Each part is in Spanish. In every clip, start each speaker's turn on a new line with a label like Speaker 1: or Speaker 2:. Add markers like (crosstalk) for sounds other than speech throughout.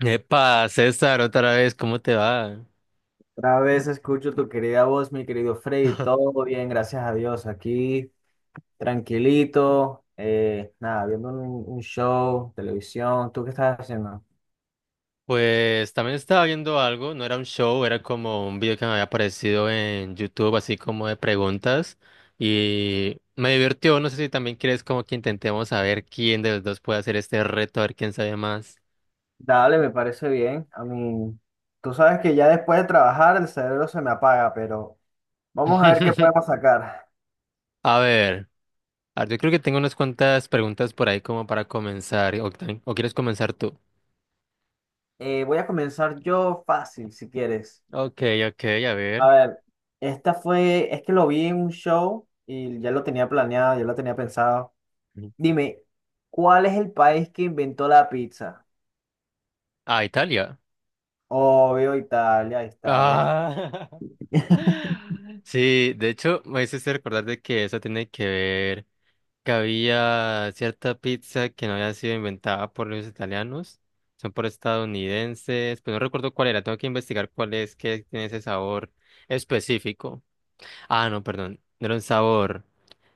Speaker 1: Epa, César, otra vez, ¿cómo te va?
Speaker 2: Otra vez escucho tu querida voz, mi querido Freddy. Todo bien, gracias a Dios. Aquí, tranquilito. Nada, viendo un show, televisión. ¿Tú qué estás haciendo?
Speaker 1: Pues también estaba viendo algo, no era un show, era como un video que me había aparecido en YouTube, así como de preguntas, y me divirtió, no sé si también quieres como que intentemos saber quién de los dos puede hacer este reto, a ver quién sabe más.
Speaker 2: Dale, me parece bien. A mí, tú sabes que ya después de trabajar el cerebro se me apaga, pero vamos a ver qué podemos
Speaker 1: (laughs)
Speaker 2: sacar.
Speaker 1: A ver, a ver, yo creo que tengo unas cuantas preguntas por ahí como para comenzar, o, o quieres comenzar tú.
Speaker 2: Voy a comenzar yo fácil, si quieres.
Speaker 1: Ok, ok, a
Speaker 2: A
Speaker 1: ver.
Speaker 2: ver, esta fue, es que lo vi en un show y ya lo tenía planeado, ya lo tenía pensado.
Speaker 1: Ujú.
Speaker 2: Dime, ¿cuál es el país que inventó la pizza?
Speaker 1: Ah, Italia.
Speaker 2: Obvio, Italia, ahí está, ¿ves?
Speaker 1: Ah. (laughs) Sí, de hecho, me hiciste recordar de que eso tiene que ver que había cierta pizza que no había sido inventada por los italianos, son por estadounidenses, pero no recuerdo cuál era, tengo que investigar cuál es, que tiene ese sabor específico. Ah, no, perdón, no era un sabor,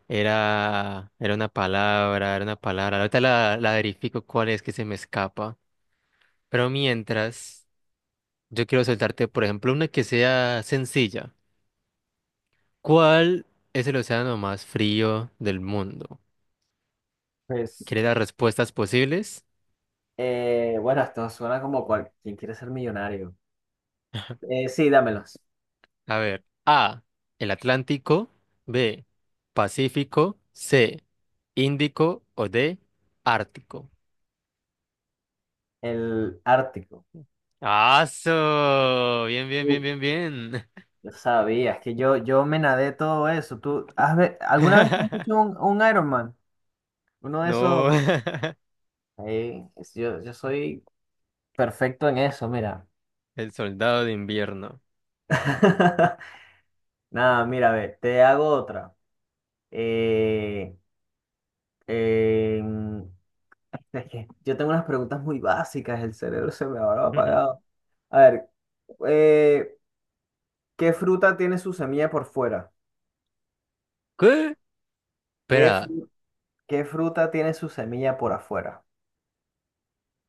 Speaker 1: era una palabra, era una palabra. Ahorita la verifico cuál es que se me escapa. Pero mientras, yo quiero soltarte, por ejemplo, una que sea sencilla. ¿Cuál es el océano más frío del mundo?
Speaker 2: Pues,
Speaker 1: ¿Quieres las respuestas posibles?
Speaker 2: bueno, esto suena como cual, ¿quién quiere ser millonario? Sí, dámelos.
Speaker 1: A ver, A, el Atlántico, B, Pacífico, C, Índico o D, Ártico.
Speaker 2: El Ártico.
Speaker 1: ¡Aso! Bien, bien,
Speaker 2: Uh,
Speaker 1: bien, bien, bien.
Speaker 2: Yo sabía, es que yo me nadé todo eso. ¿Tú has alguna vez te has
Speaker 1: (laughs)
Speaker 2: hecho un Ironman? Uno de
Speaker 1: No.
Speaker 2: esos.
Speaker 1: (laughs)
Speaker 2: Yo soy perfecto en eso, mira.
Speaker 1: El soldado de invierno.
Speaker 2: (laughs) Nada, mira, a ver, te hago otra. Eh, em, Es que yo tengo unas preguntas muy básicas, el cerebro se me habrá
Speaker 1: (laughs)
Speaker 2: apagado. A ver, eh, ¿qué fruta tiene su semilla por fuera?
Speaker 1: ¿Qué?
Speaker 2: ¿Qué,
Speaker 1: Espera,
Speaker 2: fru- qué fruta tiene su semilla por afuera?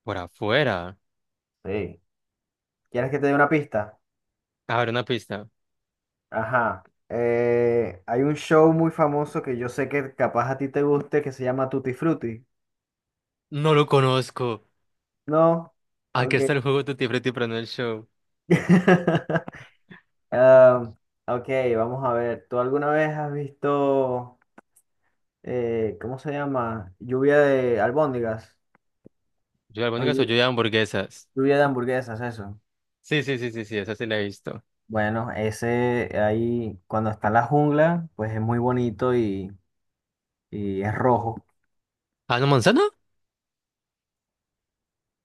Speaker 1: por afuera.
Speaker 2: Sí. ¿Quieres que te dé una pista?
Speaker 1: A ver, una pista.
Speaker 2: Ajá. Hay un show muy famoso que yo sé que capaz a ti te guste que se llama Tutti Frutti.
Speaker 1: No lo conozco.
Speaker 2: ¿No?
Speaker 1: Aquí
Speaker 2: Ok.
Speaker 1: está el juego Tutti Frutti, pero no el show.
Speaker 2: (laughs) Ah, ok, vamos a ver. ¿Tú alguna vez has visto... ¿cómo se llama? Lluvia de albóndigas.
Speaker 1: Yo de
Speaker 2: O
Speaker 1: albóndigas o
Speaker 2: llu-
Speaker 1: yo de hamburguesas.
Speaker 2: lluvia de hamburguesas, eso.
Speaker 1: Sí, sí, sí, sí, sí, esa sí la he visto.
Speaker 2: Bueno, ese ahí, cuando está en la jungla, pues es muy bonito y es rojo.
Speaker 1: ¿Ah, no, manzana?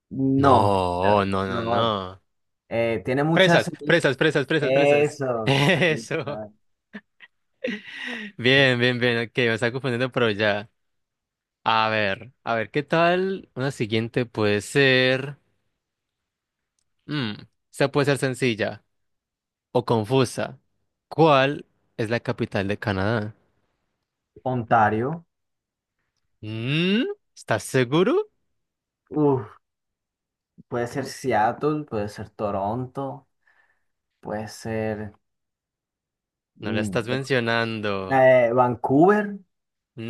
Speaker 2: No,
Speaker 1: No, no, no,
Speaker 2: no,
Speaker 1: no.
Speaker 2: tiene muchas
Speaker 1: Fresas,
Speaker 2: semillas.
Speaker 1: fresas, fresas, fresas, fresas. (laughs)
Speaker 2: Eso, aquí
Speaker 1: Eso.
Speaker 2: está.
Speaker 1: Bien, bien, bien. Ok, me está confundiendo, pero ya. A ver, ¿qué tal? Una siguiente puede ser. Mm, esta puede ser sencilla o confusa. ¿Cuál es la capital de Canadá?
Speaker 2: Ontario.
Speaker 1: Mm, ¿estás seguro?
Speaker 2: Uf, puede ser Seattle, puede ser Toronto, puede ser
Speaker 1: No la
Speaker 2: mm,
Speaker 1: estás mencionando.
Speaker 2: Vancouver.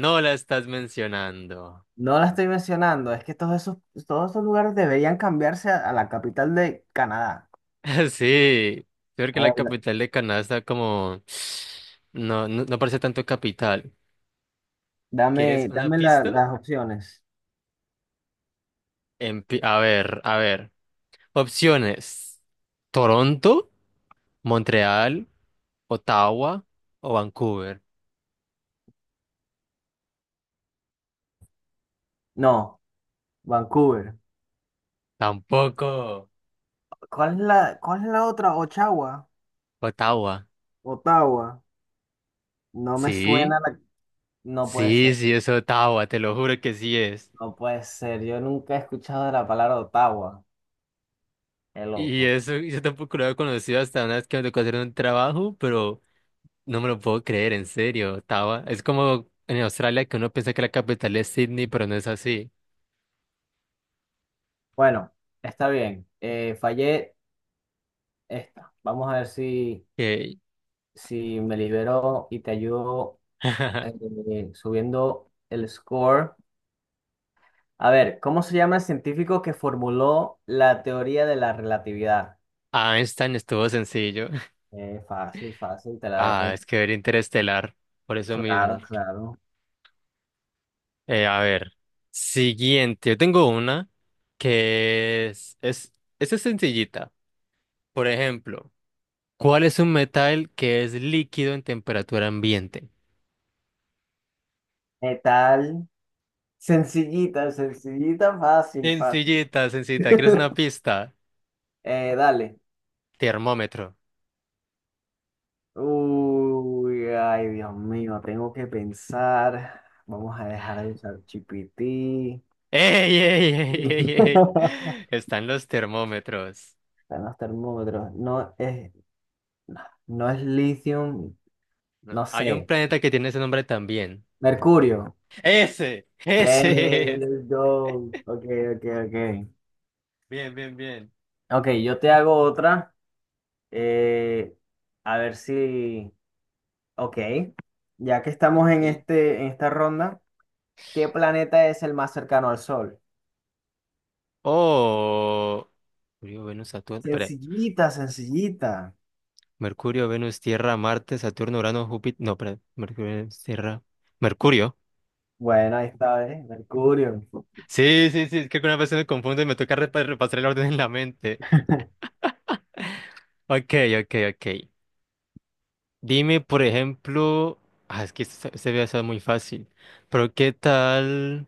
Speaker 1: No la estás mencionando.
Speaker 2: No la estoy mencionando, es que todos esos lugares deberían cambiarse a la capital de Canadá.
Speaker 1: (laughs) Sí, creo que
Speaker 2: A ver,
Speaker 1: la
Speaker 2: da-
Speaker 1: capital de Canadá está como (sniffs) no, no, no parece tanto capital. ¿Quieres
Speaker 2: dame,
Speaker 1: una
Speaker 2: dame
Speaker 1: pista?
Speaker 2: las opciones.
Speaker 1: En a ver, a ver. Opciones. Toronto, Montreal, Ottawa o Vancouver.
Speaker 2: No, Vancouver.
Speaker 1: Tampoco.
Speaker 2: ¿Cuál es cuál es la otra? Ottawa.
Speaker 1: Ottawa.
Speaker 2: Ottawa. No me
Speaker 1: Sí,
Speaker 2: suena la... No puede ser,
Speaker 1: sí, sí, es Ottawa, te lo juro que sí es.
Speaker 2: no puede ser. Yo nunca he escuchado de la palabra Ottawa. Qué
Speaker 1: Y
Speaker 2: loco.
Speaker 1: eso, y yo tampoco lo había conocido hasta una vez que me tocó hacer un trabajo, pero no me lo puedo creer, en serio, estaba. Es como en Australia que uno piensa que la capital es Sydney, pero no es así.
Speaker 2: Bueno, está bien. Fallé esta. Vamos a ver si,
Speaker 1: Ey.
Speaker 2: si me libero y te ayudo
Speaker 1: Ah.
Speaker 2: subiendo el score. A ver, ¿cómo se llama el científico que formuló la teoría de la relatividad?
Speaker 1: (laughs) Einstein estuvo sencillo. (laughs)
Speaker 2: Fácil, fácil, te la
Speaker 1: Ah,
Speaker 2: dejé.
Speaker 1: es que ver Interestelar, por eso mismo.
Speaker 2: Claro, claro.
Speaker 1: A ver, siguiente. Yo tengo una que es, esta es sencillita. Por ejemplo, ¿cuál es un metal que es líquido en temperatura ambiente?
Speaker 2: ¿Qué tal? Sencillita, sencillita, fácil, fácil.
Speaker 1: Sencillita, sencillita. ¿Quieres una pista?
Speaker 2: Dale.
Speaker 1: Termómetro.
Speaker 2: Uy, ay, Dios mío, tengo que pensar. Vamos a dejar de usar GPT.
Speaker 1: ¡Ey, ey, ey, ey,
Speaker 2: (laughs)
Speaker 1: ey! Están los termómetros.
Speaker 2: Están los termómetros. No es litio,
Speaker 1: No,
Speaker 2: no
Speaker 1: hay un
Speaker 2: sé.
Speaker 1: planeta que tiene ese nombre también.
Speaker 2: Mercurio.
Speaker 1: ¡Ese! ¡Ese es!
Speaker 2: Let's go. Ok, ok, ok.
Speaker 1: Bien, bien, bien.
Speaker 2: Ok, yo te hago otra. eh, a ver si. Ok. Ya que estamos en
Speaker 1: Ok.
Speaker 2: en esta ronda, ¿qué planeta es el más cercano al Sol?
Speaker 1: Oh. Mercurio, Venus, Saturno. Espera.
Speaker 2: Sencillita, sencillita.
Speaker 1: Mercurio, Venus, Tierra, Marte, Saturno, Urano, Júpiter. No, espera. Mercurio, Venus, Tierra. Mercurio.
Speaker 2: Bueno, ahí está, ¿eh? Mercurio.
Speaker 1: Sí, sí, sí. Es que alguna vez me confundo y me toca repasar el orden en la mente.
Speaker 2: (laughs)
Speaker 1: Ok, ok, ok. Dime, por ejemplo, ah, es que este se ve eso muy fácil, pero ¿qué tal?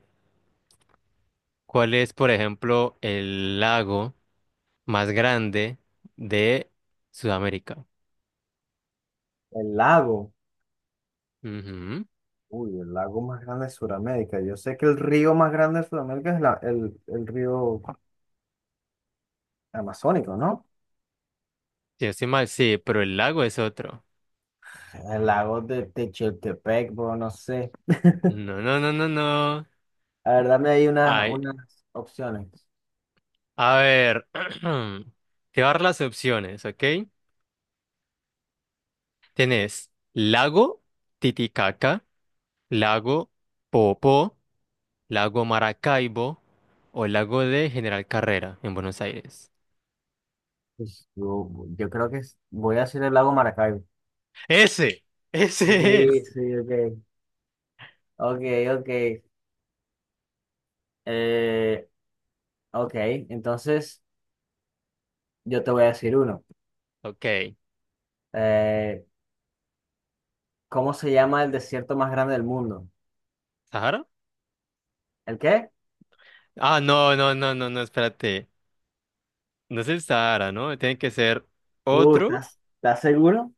Speaker 1: ¿Cuál es, por ejemplo, el lago más grande de Sudamérica?
Speaker 2: El lago.
Speaker 1: Ujú.
Speaker 2: Uy, el lago más grande de Sudamérica. Yo sé que el río más grande de Sudamérica es el río amazónico, ¿no?
Speaker 1: Si no estoy mal, sí, pero el lago es otro.
Speaker 2: El lago de Techeltepec, bro, no sé.
Speaker 1: No, no, no, no, no.
Speaker 2: A ver, dame ahí
Speaker 1: Ay,
Speaker 2: unas opciones.
Speaker 1: a ver, (clears throat) te voy a dar las opciones, ¿ok? Tienes lago Titicaca, lago Popo, Lago Maracaibo o Lago de General Carrera en Buenos Aires.
Speaker 2: Pues, yo creo que voy a decir el lago Maracaibo.
Speaker 1: Ese, ese
Speaker 2: Sí,
Speaker 1: es.
Speaker 2: sí, ok. Ok, ok. Eh, ok, entonces yo te voy a decir uno.
Speaker 1: Ok,
Speaker 2: Eh, ¿Cómo se llama el desierto más grande del mundo?
Speaker 1: ¿Sahara?
Speaker 2: ¿El qué?
Speaker 1: Ah, no, no, no, no, no, espérate. No es el Sahara, ¿no? Tiene que ser otro.
Speaker 2: Estás seguro?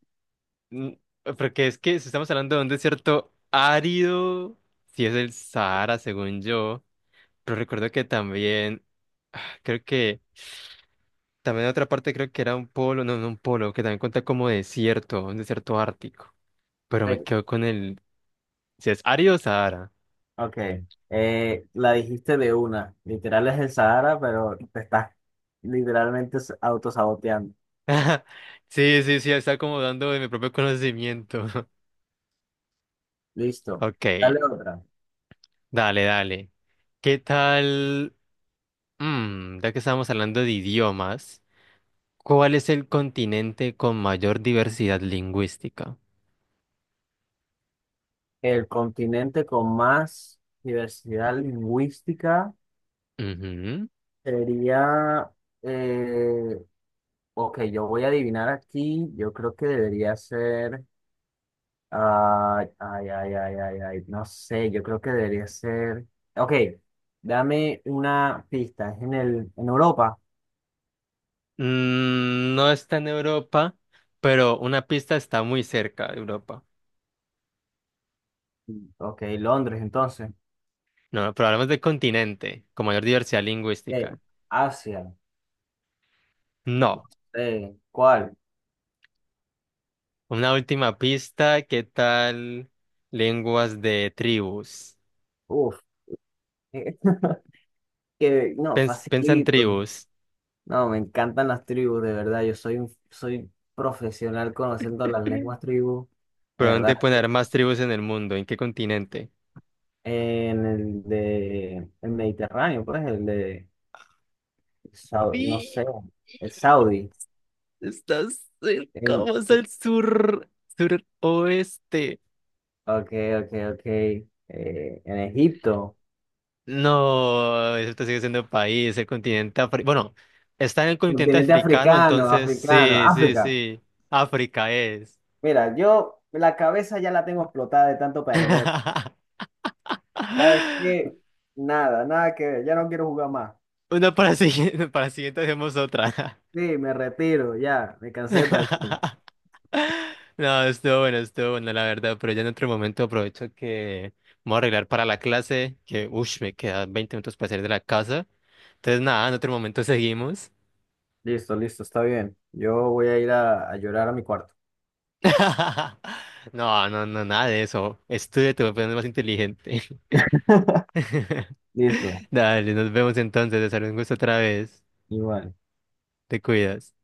Speaker 1: Mm, porque es que si estamos hablando de un desierto árido, si es el Sahara, según yo. Pero recuerdo que también, ah, creo que, también otra parte creo que era un polo, no, no un polo, que también cuenta como desierto, un desierto ártico. Pero me
Speaker 2: Te-
Speaker 1: quedo con el. Si es Ari o Sahara.
Speaker 2: ok. La dijiste de una. Literal es el Sahara, pero te estás literalmente autosaboteando.
Speaker 1: (laughs) Sí, sí, sí, está como dando de mi propio conocimiento. (laughs)
Speaker 2: Listo.
Speaker 1: Ok,
Speaker 2: Dale otra.
Speaker 1: dale, dale. ¿Qué tal? Mm, ya que estamos hablando de idiomas, ¿cuál es el continente con mayor diversidad lingüística?
Speaker 2: El continente con más diversidad lingüística
Speaker 1: Ujú.
Speaker 2: sería, eh, ok, yo voy a adivinar aquí, yo creo que debería ser, ay, ay, ay, ay, ay, ay, no sé, yo creo que debería ser, ok, dame una pista, es en en Europa,
Speaker 1: Mm, no está en Europa, pero una pista, está muy cerca de Europa.
Speaker 2: ok, Londres entonces.
Speaker 1: No, pero hablamos de continente con mayor diversidad
Speaker 2: Eh,
Speaker 1: lingüística.
Speaker 2: Asia,
Speaker 1: No.
Speaker 2: ¿cuál?
Speaker 1: Una última pista, ¿qué tal lenguas de tribus?
Speaker 2: Uf, (laughs) que no,
Speaker 1: Piensa en
Speaker 2: facilito.
Speaker 1: tribus.
Speaker 2: No, me encantan las tribus, de verdad. Yo soy soy profesional conociendo las
Speaker 1: (clears throat)
Speaker 2: lenguas tribus, de
Speaker 1: ¿Por dónde
Speaker 2: verdad.
Speaker 1: poner más tribus en el mundo? ¿En qué continente?
Speaker 2: En el de el Mediterráneo, pues, no sé,
Speaker 1: Sí,
Speaker 2: el Saudi.
Speaker 1: estás cerca,
Speaker 2: En,
Speaker 1: vamos al sur, suroeste.
Speaker 2: ok, ok, ok. En Egipto,
Speaker 1: No, eso te sigue siendo país, el continente africano. Bueno, está en el continente
Speaker 2: continente
Speaker 1: africano,
Speaker 2: africano,
Speaker 1: entonces
Speaker 2: africano,
Speaker 1: sí, sí,
Speaker 2: África.
Speaker 1: sí. África es.
Speaker 2: Mira, yo la cabeza ya la tengo explotada de tanto
Speaker 1: (laughs)
Speaker 2: perder. ¿Sabes qué? Nada, nada que ver. Ya no quiero jugar más.
Speaker 1: Una para siguiente hacemos otra.
Speaker 2: Sí, me retiro, ya, me cansé de perder.
Speaker 1: (laughs) No, estuvo bueno, la verdad, pero ya en otro momento aprovecho que me voy a arreglar para la clase, que uff, me quedan 20 minutos para salir de la casa. Entonces, nada, en otro momento seguimos.
Speaker 2: Listo, listo, está bien. Yo voy a ir a llorar a mi cuarto.
Speaker 1: (laughs) No, no, no, nada de eso. Estudia, te voy a poner más inteligente.
Speaker 2: (laughs)
Speaker 1: (laughs)
Speaker 2: Listo,
Speaker 1: Dale, nos vemos entonces, César, un gusto otra vez.
Speaker 2: igual.
Speaker 1: Te cuidas.